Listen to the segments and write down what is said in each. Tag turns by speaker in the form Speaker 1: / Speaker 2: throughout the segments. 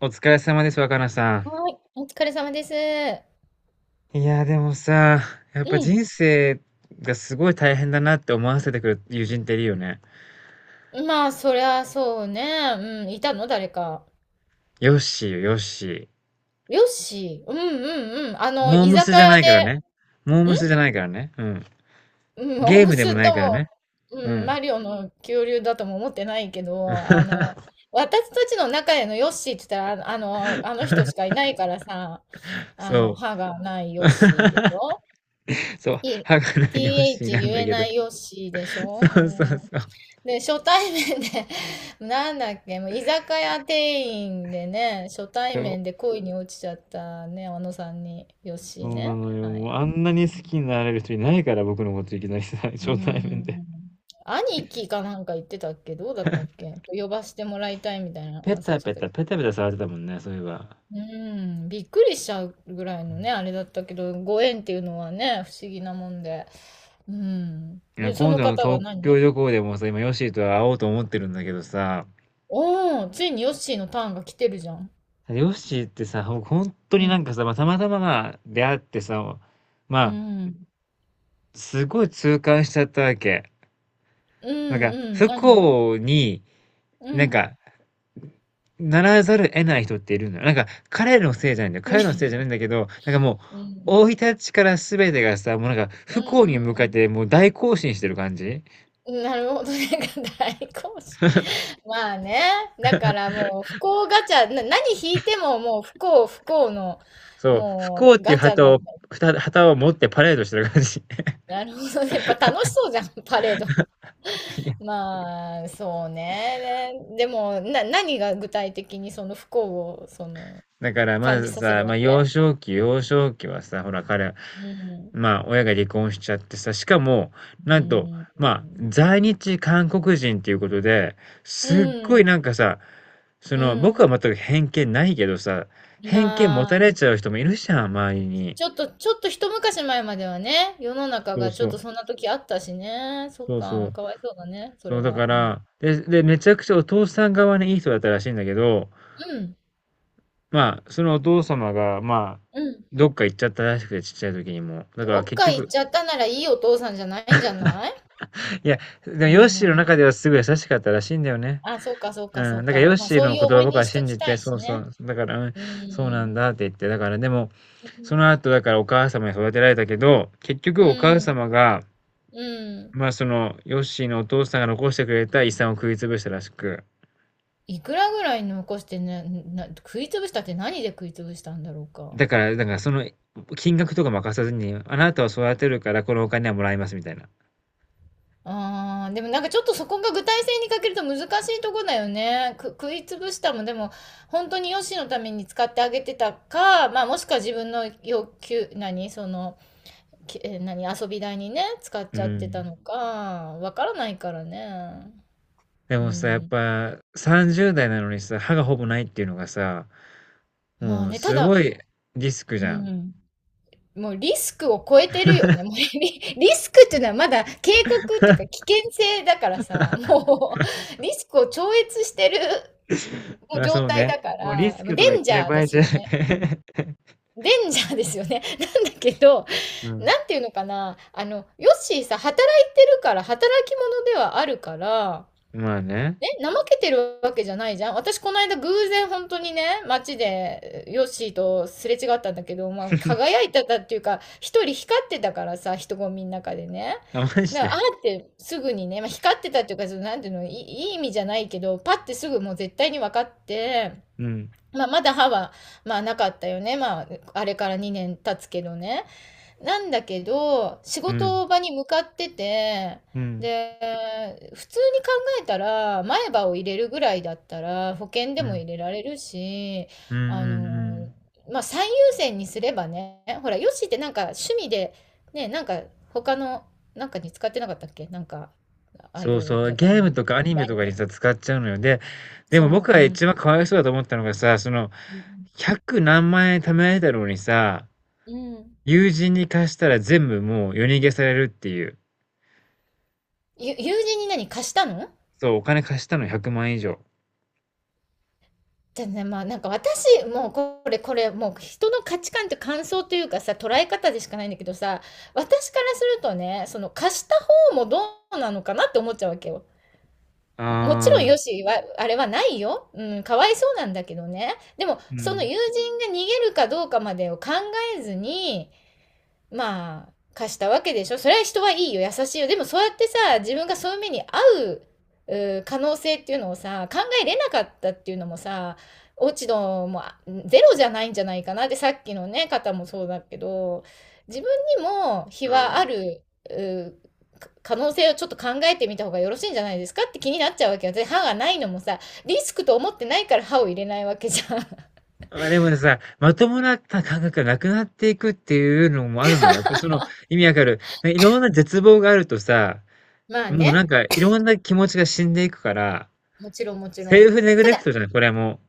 Speaker 1: お疲れ様です、若菜さ
Speaker 2: はい、お疲れ様です。
Speaker 1: ん。いや、でもさ、やっぱ
Speaker 2: う
Speaker 1: 人生がすごい大変だなって思わせてくる友人っているよね。
Speaker 2: ん。まあ、そりゃそうね。うん、いたの誰か。
Speaker 1: ヨッシーよ、ヨッシー。
Speaker 2: よし。うんうんうん。あの、
Speaker 1: モー
Speaker 2: 居
Speaker 1: ムス
Speaker 2: 酒
Speaker 1: じゃ
Speaker 2: 屋
Speaker 1: ないから
Speaker 2: で、
Speaker 1: ね。モー
Speaker 2: ん
Speaker 1: ムスじゃないからね。うん。
Speaker 2: うん、お
Speaker 1: ゲー
Speaker 2: む
Speaker 1: ムでも
Speaker 2: す
Speaker 1: ない
Speaker 2: と
Speaker 1: からね。
Speaker 2: も、
Speaker 1: う
Speaker 2: うん、
Speaker 1: ん。
Speaker 2: マリオの恐竜だとも思ってないけど、あの、私たちの中でのヨッシーって言ったら、あの、あの人しかいないからさ、あの、
Speaker 1: そ
Speaker 2: 歯がない
Speaker 1: う。
Speaker 2: ヨッシーでし ょ。
Speaker 1: そう、
Speaker 2: T-
Speaker 1: はかなヨッ
Speaker 2: h
Speaker 1: シーなん
Speaker 2: 言
Speaker 1: だ
Speaker 2: え
Speaker 1: けど。
Speaker 2: ないよしでし
Speaker 1: そうそう
Speaker 2: ょ、うん、
Speaker 1: そう。
Speaker 2: で、初対面で。 なんだっけ、もう居酒屋店員でね、初対
Speaker 1: そう。
Speaker 2: 面で恋に落ちちゃったね、あのさんに、よ
Speaker 1: そ
Speaker 2: し
Speaker 1: うな
Speaker 2: ね。
Speaker 1: のよ。
Speaker 2: は
Speaker 1: も
Speaker 2: い。
Speaker 1: うあんなに好きになれる人いないから、僕のこといきなりさ、
Speaker 2: う
Speaker 1: 初対面で。
Speaker 2: ん。兄貴かなんか言ってたっけ、どうだったっけ、呼ばしてもらいたいみたいな、
Speaker 1: ペ
Speaker 2: 忘れ
Speaker 1: タ
Speaker 2: ちゃっ
Speaker 1: ペ
Speaker 2: た
Speaker 1: タ、
Speaker 2: けど。
Speaker 1: ペタペタ触ってたもんね、そういえば。
Speaker 2: うん、びっくりしちゃうぐらいのね、あれだったけど、ご縁っていうのはね、不思議なもんで。うん。
Speaker 1: いや、
Speaker 2: で、そ
Speaker 1: 今
Speaker 2: の
Speaker 1: 度の
Speaker 2: 方が
Speaker 1: 東京
Speaker 2: 何、
Speaker 1: 旅行でもさ、今、ヨッシーと会おうと思ってるんだけどさ、
Speaker 2: おーついにヨッシーのターンが来てるじゃん。
Speaker 1: ヨッシーってさ、ほ本当
Speaker 2: う
Speaker 1: になん
Speaker 2: ん。
Speaker 1: かさ、まあ、たまたままあ出会ってさ、
Speaker 2: う
Speaker 1: まあ、
Speaker 2: ん。
Speaker 1: すごい痛感しちゃったわけ。
Speaker 2: うん、
Speaker 1: なんか、
Speaker 2: うん。
Speaker 1: 不
Speaker 2: 何を、
Speaker 1: 幸に、
Speaker 2: う
Speaker 1: なん
Speaker 2: ん。
Speaker 1: か、ならざるを得ない人っているんだよ。なんか、彼のせいじゃないんだよ。彼の
Speaker 2: う
Speaker 1: せいじゃないんだけど、なんかもう、
Speaker 2: ん。
Speaker 1: 生い立ちから全てがさ、もうなんか、
Speaker 2: う
Speaker 1: 不幸に向かっ
Speaker 2: ん。
Speaker 1: てもう大行進してる感じ、
Speaker 2: なるほどね。大好評。まあね。だからもう不幸ガチャ、何引いてももう不幸不幸の、
Speaker 1: そう、不
Speaker 2: も
Speaker 1: 幸っ
Speaker 2: う
Speaker 1: てい
Speaker 2: ガ
Speaker 1: う
Speaker 2: チャ
Speaker 1: 旗
Speaker 2: の、
Speaker 1: を、旗を持ってパレードしてる感じ。
Speaker 2: なるほどね。やっぱ楽しそうじゃん、パレード。まあ、そうね。でも、何が具体的にその不幸を、その、
Speaker 1: だからま
Speaker 2: 感じ
Speaker 1: ず
Speaker 2: させ
Speaker 1: さ、
Speaker 2: るわ
Speaker 1: まあ
Speaker 2: け。
Speaker 1: 幼少期、幼少期はさ、ほら彼は、
Speaker 2: うん。
Speaker 1: まあ親が離婚しちゃってさ、しかも、な
Speaker 2: う
Speaker 1: んと、
Speaker 2: ん。
Speaker 1: まあ在日韓国人っていうことで、
Speaker 2: う
Speaker 1: すっごいなん
Speaker 2: ん。
Speaker 1: かさ、そ
Speaker 2: う
Speaker 1: の僕は
Speaker 2: ん、
Speaker 1: 全く偏見ないけどさ、
Speaker 2: い
Speaker 1: 偏見持
Speaker 2: や
Speaker 1: た
Speaker 2: ー、
Speaker 1: れちゃう人もいるじゃん、周りに。
Speaker 2: ちょっと、ちょっと一昔前まではね、世の中
Speaker 1: そう
Speaker 2: がちょ
Speaker 1: そ
Speaker 2: っ
Speaker 1: う、
Speaker 2: とそんな時あったしね。そっ
Speaker 1: そうそ
Speaker 2: か、
Speaker 1: う。
Speaker 2: かわいそうだね、そ
Speaker 1: そ
Speaker 2: れ
Speaker 1: うだ
Speaker 2: は。
Speaker 1: か
Speaker 2: うん。
Speaker 1: ら、で、めちゃくちゃお父さん側にいい人だったらしいんだけど、
Speaker 2: うん。
Speaker 1: まあ、そのお父様が、まあ、
Speaker 2: うん。
Speaker 1: どっか行っちゃったらしくて、ちっちゃい時にも。だから
Speaker 2: どっ
Speaker 1: 結
Speaker 2: か行っ
Speaker 1: 局、
Speaker 2: ちゃったならいいお父さんじゃないんじゃない。
Speaker 1: いや、でも
Speaker 2: う
Speaker 1: ヨッシーの中
Speaker 2: ん。
Speaker 1: ではすごい優しかったらしいんだよね。
Speaker 2: あ、そうか、そうか、そ
Speaker 1: う
Speaker 2: う
Speaker 1: ん、だから
Speaker 2: か。
Speaker 1: ヨッ
Speaker 2: まあ、
Speaker 1: シー
Speaker 2: そう
Speaker 1: の
Speaker 2: いう
Speaker 1: 言
Speaker 2: 思
Speaker 1: 葉
Speaker 2: い出
Speaker 1: 僕
Speaker 2: に
Speaker 1: は
Speaker 2: しと
Speaker 1: 信
Speaker 2: き
Speaker 1: じ
Speaker 2: た
Speaker 1: て、
Speaker 2: い
Speaker 1: そ
Speaker 2: し
Speaker 1: うそ
Speaker 2: ね。
Speaker 1: う、だから、うん、
Speaker 2: う
Speaker 1: そうなん
Speaker 2: ん。
Speaker 1: だって言って、だからでも、
Speaker 2: う
Speaker 1: そ
Speaker 2: ん。
Speaker 1: の後だからお母様に育てられたけど、結局
Speaker 2: う
Speaker 1: お母
Speaker 2: ん。
Speaker 1: 様が、
Speaker 2: うん、
Speaker 1: まあその、ヨッシーのお父さんが残してくれた遺産を食い潰したらしく、
Speaker 2: いくらぐらい残してね、食い潰したって何で食い潰したんだろうか。
Speaker 1: だからその金額とか任さずに、あなたを育てるからこのお金はもらいますみたいな。
Speaker 2: あー、でもなんかちょっとそこが具体性に欠けると難しいとこだよね。食いつぶしたもんでも本当にヨシのために使ってあげてたか、まあもしくは自分の要求、何、その、きえな何、遊び代にね、使っ
Speaker 1: う
Speaker 2: ちゃってた
Speaker 1: ん。
Speaker 2: のか、わからないからね。
Speaker 1: で
Speaker 2: う
Speaker 1: もさ、やっ
Speaker 2: ん。
Speaker 1: ぱ30代なのにさ、歯がほぼないっていうのがさ、
Speaker 2: まあ
Speaker 1: もう
Speaker 2: ね、た
Speaker 1: す
Speaker 2: だ、
Speaker 1: ごいリスク
Speaker 2: う
Speaker 1: じゃん。
Speaker 2: ん。もうリスクを超えてるよね。もうリ、リスクっていうのはまだ警告っていうか危険性だからさ、もう。 リスクを超越してるもう
Speaker 1: あ、
Speaker 2: 状
Speaker 1: そう
Speaker 2: 態
Speaker 1: ね。
Speaker 2: だか
Speaker 1: もうリス
Speaker 2: ら、もう
Speaker 1: クとか
Speaker 2: デ
Speaker 1: 言っ
Speaker 2: ンジ
Speaker 1: てる
Speaker 2: ャー
Speaker 1: 場
Speaker 2: で
Speaker 1: 合
Speaker 2: す
Speaker 1: じゃな
Speaker 2: よ
Speaker 1: い。
Speaker 2: ね。デンジャーですよね。なんだけど、
Speaker 1: うん。
Speaker 2: なんていうのかな。あの、ヨッシーさ、働いてるから、働き者ではあるから、
Speaker 1: まあね。
Speaker 2: ね、怠けてるわけじゃないじゃん。私、この間偶然本当にね、街でヨッシーとすれ違ったんだけど、まあ、輝いてたっていうか、一人光ってたからさ、人混みの中でね。
Speaker 1: あ、マジ
Speaker 2: だから、あ
Speaker 1: で。
Speaker 2: ーってすぐにね、まあ、光ってたっていうか、そのなんていうの、いい意味じゃないけど、パッてすぐもう絶対に分かって、
Speaker 1: うん。
Speaker 2: まあ、まだ歯は、まあ、なかったよね。まあ、あれから2年経つけどね。なんだけど、仕
Speaker 1: うん。
Speaker 2: 事場に向かってて、
Speaker 1: うん。
Speaker 2: で、普通に考えたら、前歯を入れるぐらいだったら、保険で
Speaker 1: う
Speaker 2: も
Speaker 1: ん。
Speaker 2: 入れられるし、
Speaker 1: うん
Speaker 2: あ
Speaker 1: うんう
Speaker 2: の、
Speaker 1: ん。
Speaker 2: まあ、最優先にすればね、ほら、ヨッシーってなんか趣味で、ね、なんか他の、なんかに使ってなかったっけなんか、アイ
Speaker 1: そう
Speaker 2: ドル、
Speaker 1: そ
Speaker 2: じ
Speaker 1: う。
Speaker 2: ゃあ、アニ
Speaker 1: ゲームとかアニメとかにさ、
Speaker 2: メ。
Speaker 1: 使っちゃうのよ。で、でも僕
Speaker 2: そう、
Speaker 1: が
Speaker 2: うん。
Speaker 1: 一番かわいそうだと思ったのがさ、その、
Speaker 2: うん。
Speaker 1: 100何万円貯められたのにさ、
Speaker 2: うん、
Speaker 1: 友人に貸したら全部もう夜逃げされるっていう。
Speaker 2: 友人に何貸したの。
Speaker 1: そう、お金貸したの100万以上。
Speaker 2: じゃね、まあなんか私、もうこれ、もう人の価値観って感想というかさ、捉え方でしかないんだけどさ、私からするとね、その貸した方もどうなのかなって思っちゃうわけよ。もちろ
Speaker 1: あ
Speaker 2: ん
Speaker 1: あ、
Speaker 2: よしは、あれはないよ。うん、かわいそうなんだけどね。でも、
Speaker 1: う
Speaker 2: その
Speaker 1: ん。
Speaker 2: 友人が逃げるかどうかまでを考えずに、まあ、貸したわけでしょ。それは人はいいよ、優しいよ。でもそうやってさ、自分がそういう目に遭う可能性っていうのをさ、考えれなかったっていうのもさ、落ち度もゼロじゃないんじゃないかな。で、さっきのね、方もそうだけど、自分にも非
Speaker 1: あ
Speaker 2: はある、う可能性をちょっと考えてみた方がよろしいんじゃないですかって気になっちゃうわけよ。で、歯がないのもさ、リスクと思ってないから歯を入れないわけじゃん。
Speaker 1: あ。あ、でもさ、まともな感覚がなくなっていくっていうのもあるのよ。やっぱその、意味わかる。ね、いろんな絶望があるとさ、
Speaker 2: まあ
Speaker 1: もうなん
Speaker 2: ね、
Speaker 1: かいろんな気持ちが死んでいくから、
Speaker 2: もちろんもちろ
Speaker 1: セ
Speaker 2: ん。
Speaker 1: ルフネグ
Speaker 2: た
Speaker 1: レク
Speaker 2: だ
Speaker 1: トじゃない、これも。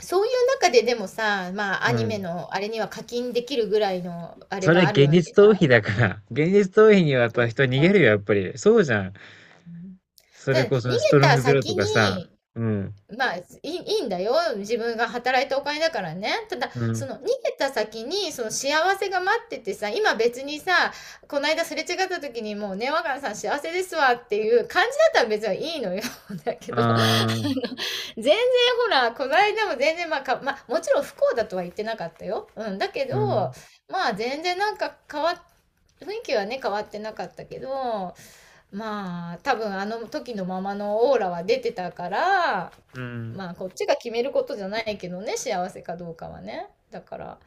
Speaker 2: そういう中ででもさ、まあ、ア
Speaker 1: う
Speaker 2: ニメ
Speaker 1: ん。
Speaker 2: のあれには課金できるぐらいのあれ
Speaker 1: それは
Speaker 2: がある
Speaker 1: 現
Speaker 2: わ
Speaker 1: 実
Speaker 2: けじゃ
Speaker 1: 逃
Speaker 2: ん。
Speaker 1: 避だから、現実逃避にはやっ
Speaker 2: 長
Speaker 1: ぱ人
Speaker 2: 期
Speaker 1: 逃げ
Speaker 2: 化。
Speaker 1: るよ、やっぱり。そうじゃん。
Speaker 2: うん、
Speaker 1: そ
Speaker 2: た
Speaker 1: れ
Speaker 2: だ、
Speaker 1: こ
Speaker 2: 逃げ
Speaker 1: そストロン
Speaker 2: た
Speaker 1: グゼロと
Speaker 2: 先
Speaker 1: かさ。
Speaker 2: に、
Speaker 1: うん。
Speaker 2: まあ、いい、いいんだよ。自分が働いたお金だからね。ただ、
Speaker 1: う
Speaker 2: そ
Speaker 1: ん。
Speaker 2: の逃げた先に、その幸せが待っててさ、今別にさ、この間すれ違った時にもうね、若菜さん幸せですわっていう感じだったら別にいいのよ。だけど、
Speaker 1: ああ、
Speaker 2: 全然ほら、この間も全然、まあか、まあ、もちろん不幸だとは言ってなかったよ。うん、だけ
Speaker 1: う
Speaker 2: ど、
Speaker 1: ん。
Speaker 2: まあ全然なんか変わっ、雰囲気はね、変わってなかったけど、まあ多分あの時のままのオーラは出てたから、
Speaker 1: うん。
Speaker 2: まあこっちが決めることじゃないけどね、幸せかどうかはね。だから、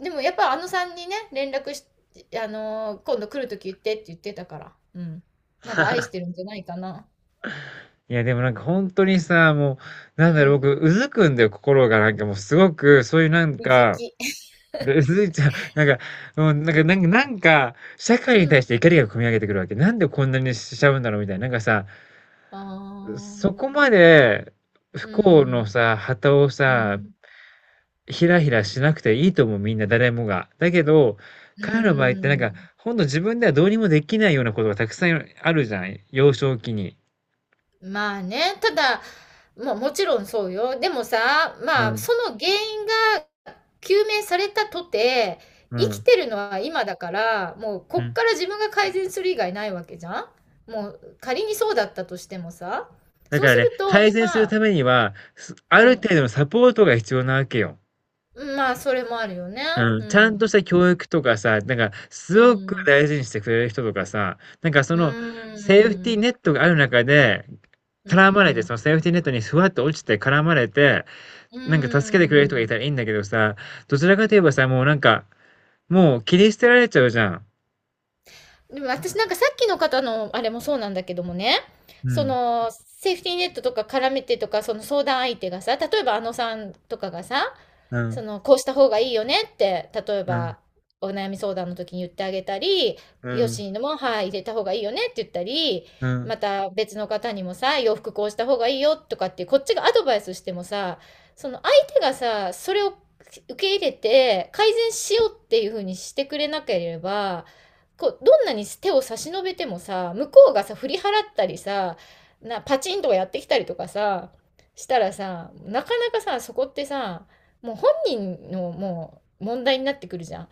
Speaker 2: でもやっぱあのさんにね、連絡し、あのー今度来るとき言ってって言ってたから、うん。まだ愛してるんじゃないかな。
Speaker 1: いや、でもなんか本当にさ、もう、なん
Speaker 2: う
Speaker 1: だろう、
Speaker 2: ん。
Speaker 1: 僕、うずくんだよ、心が。なんかもうすごく、そういうなん
Speaker 2: うず
Speaker 1: か、
Speaker 2: き。
Speaker 1: うずいちゃう。なんか、もうなんか、社
Speaker 2: う
Speaker 1: 会に対し
Speaker 2: ん。
Speaker 1: て怒りが込み上げてくるわけ。なんでこんなにしちゃうんだろうみたいな。なんかさ、
Speaker 2: ああ、
Speaker 1: そこまで不
Speaker 2: う
Speaker 1: 幸の
Speaker 2: ん、
Speaker 1: さ、旗を
Speaker 2: う
Speaker 1: さ、
Speaker 2: ん、
Speaker 1: ひらひらしなくていいと思う、みんな、誰もが。だけど、
Speaker 2: う
Speaker 1: 彼の場合ってなんか、
Speaker 2: ん。
Speaker 1: ほんと自分ではどうにもできないようなことがたくさんあるじゃん。幼少期に。
Speaker 2: まあね、ただ、まあもちろんそうよ。でもさ、
Speaker 1: う
Speaker 2: まあ
Speaker 1: ん。
Speaker 2: その原因が究明されたとて、
Speaker 1: う
Speaker 2: 生き
Speaker 1: ん。
Speaker 2: てるのは今だから、もうこ
Speaker 1: う
Speaker 2: っ
Speaker 1: ん。
Speaker 2: から自分が改善する以外ないわけじゃん。もう仮にそうだったとしてもさ、
Speaker 1: だ
Speaker 2: そう
Speaker 1: から
Speaker 2: す
Speaker 1: ね、
Speaker 2: ると
Speaker 1: 改善する
Speaker 2: 今、
Speaker 1: ためには、ある
Speaker 2: う
Speaker 1: 程度のサポートが必要なわけよ。
Speaker 2: ん、まあそれもあるよね。
Speaker 1: うん、
Speaker 2: う
Speaker 1: ちゃん
Speaker 2: ん、
Speaker 1: とした教育とかさ、なんかす
Speaker 2: う
Speaker 1: ごく
Speaker 2: ん、
Speaker 1: 大事にしてくれる人とかさ、なんかそ
Speaker 2: う
Speaker 1: のセーフティー
Speaker 2: ん、
Speaker 1: ネットがある中で、
Speaker 2: う
Speaker 1: 絡まれて、
Speaker 2: ん、
Speaker 1: そのセーフティーネットにふわっと落ちて絡まれて、
Speaker 2: う
Speaker 1: なんか助けてくれる人がい
Speaker 2: ん。
Speaker 1: たらいいんだけどさ、どちらかといえばさ、もうなんか、もう切り捨てられちゃうじゃん。
Speaker 2: でも私なんかさっきの方のあれもそうなんだけどもね、
Speaker 1: う
Speaker 2: そ
Speaker 1: ん、
Speaker 2: のセーフティーネットとか絡めてとか、その相談相手がさ、例えばあのさんとかがさ、
Speaker 1: う
Speaker 2: そ
Speaker 1: ん、
Speaker 2: のこうした方がいいよねって、例え
Speaker 1: うん、
Speaker 2: ばお悩み相談の時に言ってあげたり、
Speaker 1: う
Speaker 2: よ
Speaker 1: ん、
Speaker 2: しのも、はい、入れた方がいいよねって言ったり、
Speaker 1: うん。
Speaker 2: また別の方にもさ、洋服こうした方がいいよとかって、こっちがアドバイスしてもさ、その相手がさ、それを受け入れて改善しようっていうふうにしてくれなければ、こうどんなに手を差し伸べてもさ、向こうがさ振り払ったりさ、なパチンとかやってきたりとかさ、したらさ、なかなかさそこってさ、もう本人のもう問題になってくるじゃん。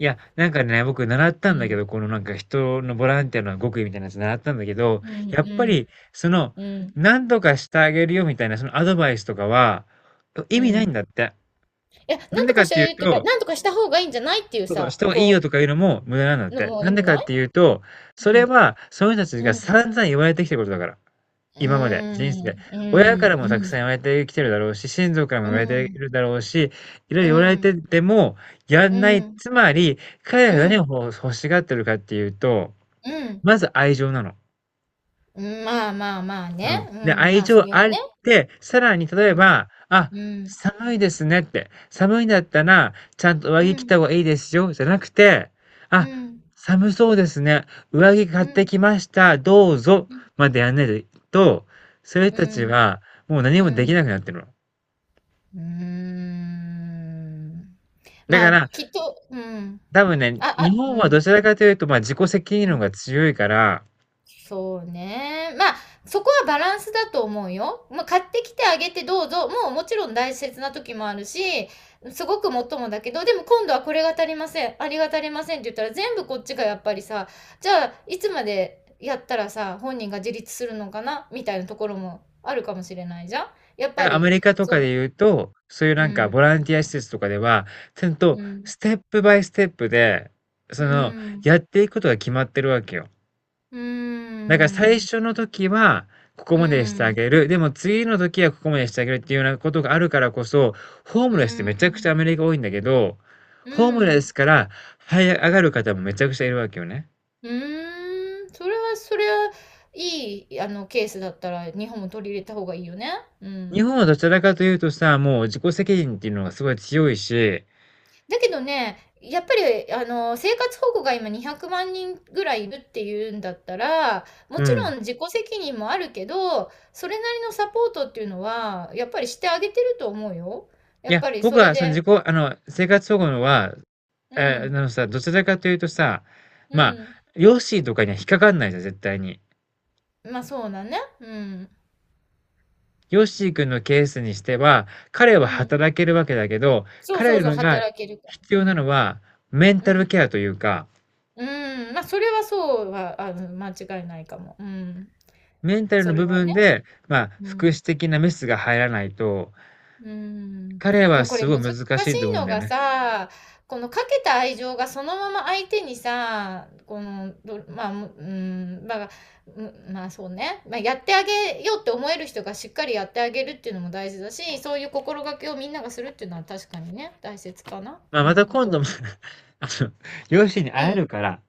Speaker 1: いや、なんかね、僕習っ
Speaker 2: う
Speaker 1: たんだけ
Speaker 2: ん
Speaker 1: ど、このなんか人のボランティアの極意みたいなやつ習ったんだけど、
Speaker 2: うん
Speaker 1: や
Speaker 2: う
Speaker 1: っぱ
Speaker 2: ん
Speaker 1: り、その、
Speaker 2: うん
Speaker 1: 何とかしてあげるよみたいな、そのアドバイスとかは、意
Speaker 2: う
Speaker 1: 味ないん
Speaker 2: ん、
Speaker 1: だって。
Speaker 2: いや、
Speaker 1: な
Speaker 2: な
Speaker 1: ん
Speaker 2: ん
Speaker 1: で
Speaker 2: と
Speaker 1: か
Speaker 2: か
Speaker 1: っ
Speaker 2: して
Speaker 1: てい
Speaker 2: あげ
Speaker 1: う
Speaker 2: るっていうか、
Speaker 1: と、
Speaker 2: なんとかした方がいいんじゃないっていう
Speaker 1: そうそう、し
Speaker 2: さ、
Speaker 1: てもいいよ
Speaker 2: こ
Speaker 1: とかいうのも無駄なんだっ
Speaker 2: うの
Speaker 1: て。
Speaker 2: もう
Speaker 1: な
Speaker 2: 意
Speaker 1: んで
Speaker 2: 味
Speaker 1: かっ
Speaker 2: ない。
Speaker 1: ていうと、そ
Speaker 2: う
Speaker 1: れ
Speaker 2: ん
Speaker 1: はその人たち
Speaker 2: う
Speaker 1: が
Speaker 2: ん
Speaker 1: 散々言われてきたことだから。
Speaker 2: う
Speaker 1: 今まで、人生で。
Speaker 2: んう
Speaker 1: 親から
Speaker 2: んう
Speaker 1: もたくさん
Speaker 2: ん
Speaker 1: 言われてきてるだろうし、親族からも
Speaker 2: う
Speaker 1: 言われてい
Speaker 2: ん
Speaker 1: るだろうし、いろ
Speaker 2: う
Speaker 1: いろ言わ
Speaker 2: んう
Speaker 1: れて
Speaker 2: ん
Speaker 1: てもやんない。つまり、彼らが
Speaker 2: う
Speaker 1: 何を
Speaker 2: ん
Speaker 1: 欲しがってるかっていうと、
Speaker 2: うん
Speaker 1: まず愛情なの。
Speaker 2: うん、まあまあまあ
Speaker 1: う
Speaker 2: ね。
Speaker 1: ん。
Speaker 2: う
Speaker 1: で、
Speaker 2: ん、
Speaker 1: 愛
Speaker 2: まあ、そ
Speaker 1: 情
Speaker 2: れ
Speaker 1: あ
Speaker 2: は
Speaker 1: っ
Speaker 2: ね。
Speaker 1: て、さらに
Speaker 2: う
Speaker 1: 例え
Speaker 2: ん、
Speaker 1: ば、あ、
Speaker 2: うん、
Speaker 1: 寒いですねって、寒いんだったら、ちゃんと上
Speaker 2: う
Speaker 1: 着着
Speaker 2: ん、
Speaker 1: た方がいいですよ、じゃなくて、
Speaker 2: う
Speaker 1: あ、
Speaker 2: ん、
Speaker 1: 寒そうですね、上着買
Speaker 2: う
Speaker 1: って
Speaker 2: ん、
Speaker 1: きました、どうぞ、
Speaker 2: うん、
Speaker 1: までやんないと、そういう
Speaker 2: う
Speaker 1: 人たち
Speaker 2: ん、
Speaker 1: は、もう何もでき
Speaker 2: う
Speaker 1: なくなってるの。
Speaker 2: ーん、
Speaker 1: だ
Speaker 2: ま
Speaker 1: か
Speaker 2: あ、
Speaker 1: ら、
Speaker 2: きっと、うん。
Speaker 1: 多分ね、
Speaker 2: あ、あ、
Speaker 1: 日
Speaker 2: う
Speaker 1: 本はど
Speaker 2: ん、
Speaker 1: ちらかというと、まあ、自己責任
Speaker 2: う
Speaker 1: 論
Speaker 2: ん。
Speaker 1: が強いから、
Speaker 2: そうね。まあ、そこはバランスだと思うよ。まあ、買ってきてあげてどうぞ。もうもちろん大切な時もあるし、すごくもっともだけど、でも今度はこれが足りません、ありが足りませんって言ったら全部こっちがやっぱりさ、じゃあいつまでやったらさ、本人が自立するのかなみたいなところもあるかもしれないじゃん。やっ
Speaker 1: だ
Speaker 2: ぱ
Speaker 1: からアメ
Speaker 2: り、
Speaker 1: リカとか
Speaker 2: そ
Speaker 1: で言うと、そういう
Speaker 2: う、
Speaker 1: な
Speaker 2: う
Speaker 1: んかボ
Speaker 2: ん、
Speaker 1: ランティア施設とかでは、ちゃんと
Speaker 2: うん、
Speaker 1: ステップバイステップで、そ
Speaker 2: う
Speaker 1: の、
Speaker 2: ん、
Speaker 1: やっていくことが決まってるわけよ。
Speaker 2: う
Speaker 1: だから最
Speaker 2: ん、
Speaker 1: 初の時は、ここ
Speaker 2: う
Speaker 1: までしてあ
Speaker 2: ん、
Speaker 1: げる。でも次の時はここまでしてあげるっていうようなことがあるからこそ、ホー
Speaker 2: う
Speaker 1: ムレスってめちゃくちゃア
Speaker 2: ん、
Speaker 1: メリカ多いんだけど、
Speaker 2: う
Speaker 1: ホームレス
Speaker 2: ん。
Speaker 1: から這い上がる方もめちゃくちゃいるわけよね。
Speaker 2: うーん、それはそれはいい、あの、ケースだったら日本も取り入れた方がいいよね。う
Speaker 1: 日
Speaker 2: ん。
Speaker 1: 本はどちらかというとさ、もう自己責任っていうのがすごい強いし、
Speaker 2: だけどね、やっぱり、あの、生活保護が今200万人ぐらいいるっていうんだったら、も
Speaker 1: う
Speaker 2: ちろ
Speaker 1: ん。
Speaker 2: ん自己責任もあるけど、それなりのサポートっていうのは、やっぱりしてあげてると思うよ。
Speaker 1: い
Speaker 2: やっ
Speaker 1: や、
Speaker 2: ぱり
Speaker 1: 僕
Speaker 2: それ
Speaker 1: はその
Speaker 2: で、
Speaker 1: 自己あの、生活保護のは
Speaker 2: う
Speaker 1: えー、な
Speaker 2: ん、
Speaker 1: のさ、どちらかというとさ、
Speaker 2: う
Speaker 1: まあ、
Speaker 2: ん。
Speaker 1: ヨッシーとかには引っかかんないじゃん、絶対に。
Speaker 2: まあそうだね。うん、
Speaker 1: ヨッシー君のケースにしては、彼は
Speaker 2: うん。
Speaker 1: 働けるわけだけど、
Speaker 2: そうそう
Speaker 1: 彼
Speaker 2: そう、
Speaker 1: らが
Speaker 2: 働けるから。
Speaker 1: 必要
Speaker 2: う
Speaker 1: なの
Speaker 2: ん、
Speaker 1: は、メン
Speaker 2: う
Speaker 1: タル
Speaker 2: ん。
Speaker 1: ケアというか、
Speaker 2: うーん、まあ、それはそうは、あの、間違いないかも。うん。
Speaker 1: メンタル
Speaker 2: そ
Speaker 1: の
Speaker 2: れ
Speaker 1: 部
Speaker 2: はね。
Speaker 1: 分で、まあ、
Speaker 2: う
Speaker 1: 福
Speaker 2: ん。
Speaker 1: 祉的なメスが入らないと、
Speaker 2: うーん。
Speaker 1: 彼
Speaker 2: で
Speaker 1: は
Speaker 2: もこ
Speaker 1: す
Speaker 2: れ
Speaker 1: ごい
Speaker 2: 難し
Speaker 1: 難しいと
Speaker 2: い
Speaker 1: 思うん
Speaker 2: の
Speaker 1: だよ
Speaker 2: が
Speaker 1: ね。
Speaker 2: さ、このかけた愛情がそのまま相手にさ、この、どまあ、む、うん、まあ、うん、まあ、そうね。まあ、やってあげようって思える人がしっかりやってあげるっていうのも大事だし、そういう心がけをみんながするっていうのは確かにね、大切かな。
Speaker 1: まあ、
Speaker 2: う
Speaker 1: また
Speaker 2: ん、
Speaker 1: 今度
Speaker 2: と
Speaker 1: も
Speaker 2: 思
Speaker 1: あの、ヨッシーに
Speaker 2: う。う
Speaker 1: 会え
Speaker 2: ん、
Speaker 1: るから、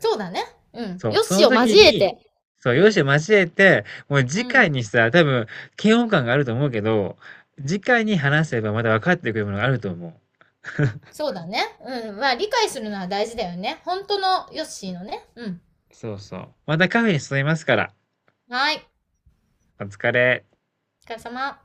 Speaker 2: そうだね。うん。
Speaker 1: そう、
Speaker 2: よ
Speaker 1: そ
Speaker 2: し
Speaker 1: の
Speaker 2: を
Speaker 1: 時
Speaker 2: 交え
Speaker 1: に、
Speaker 2: て。
Speaker 1: そう、
Speaker 2: う
Speaker 1: 容姿
Speaker 2: ん、
Speaker 1: を交えて、もう
Speaker 2: う
Speaker 1: 次回
Speaker 2: ん。
Speaker 1: にしたら多分嫌悪感があると思うけど、次回に話せばまた分かってくるものがあると思う。
Speaker 2: そうだね。うん。まあ、理解するのは大事だよね。本当のヨッシーのね。うん。
Speaker 1: そうそう。またカフェに誘いますから。
Speaker 2: はい。
Speaker 1: お疲れ。
Speaker 2: お疲れ様。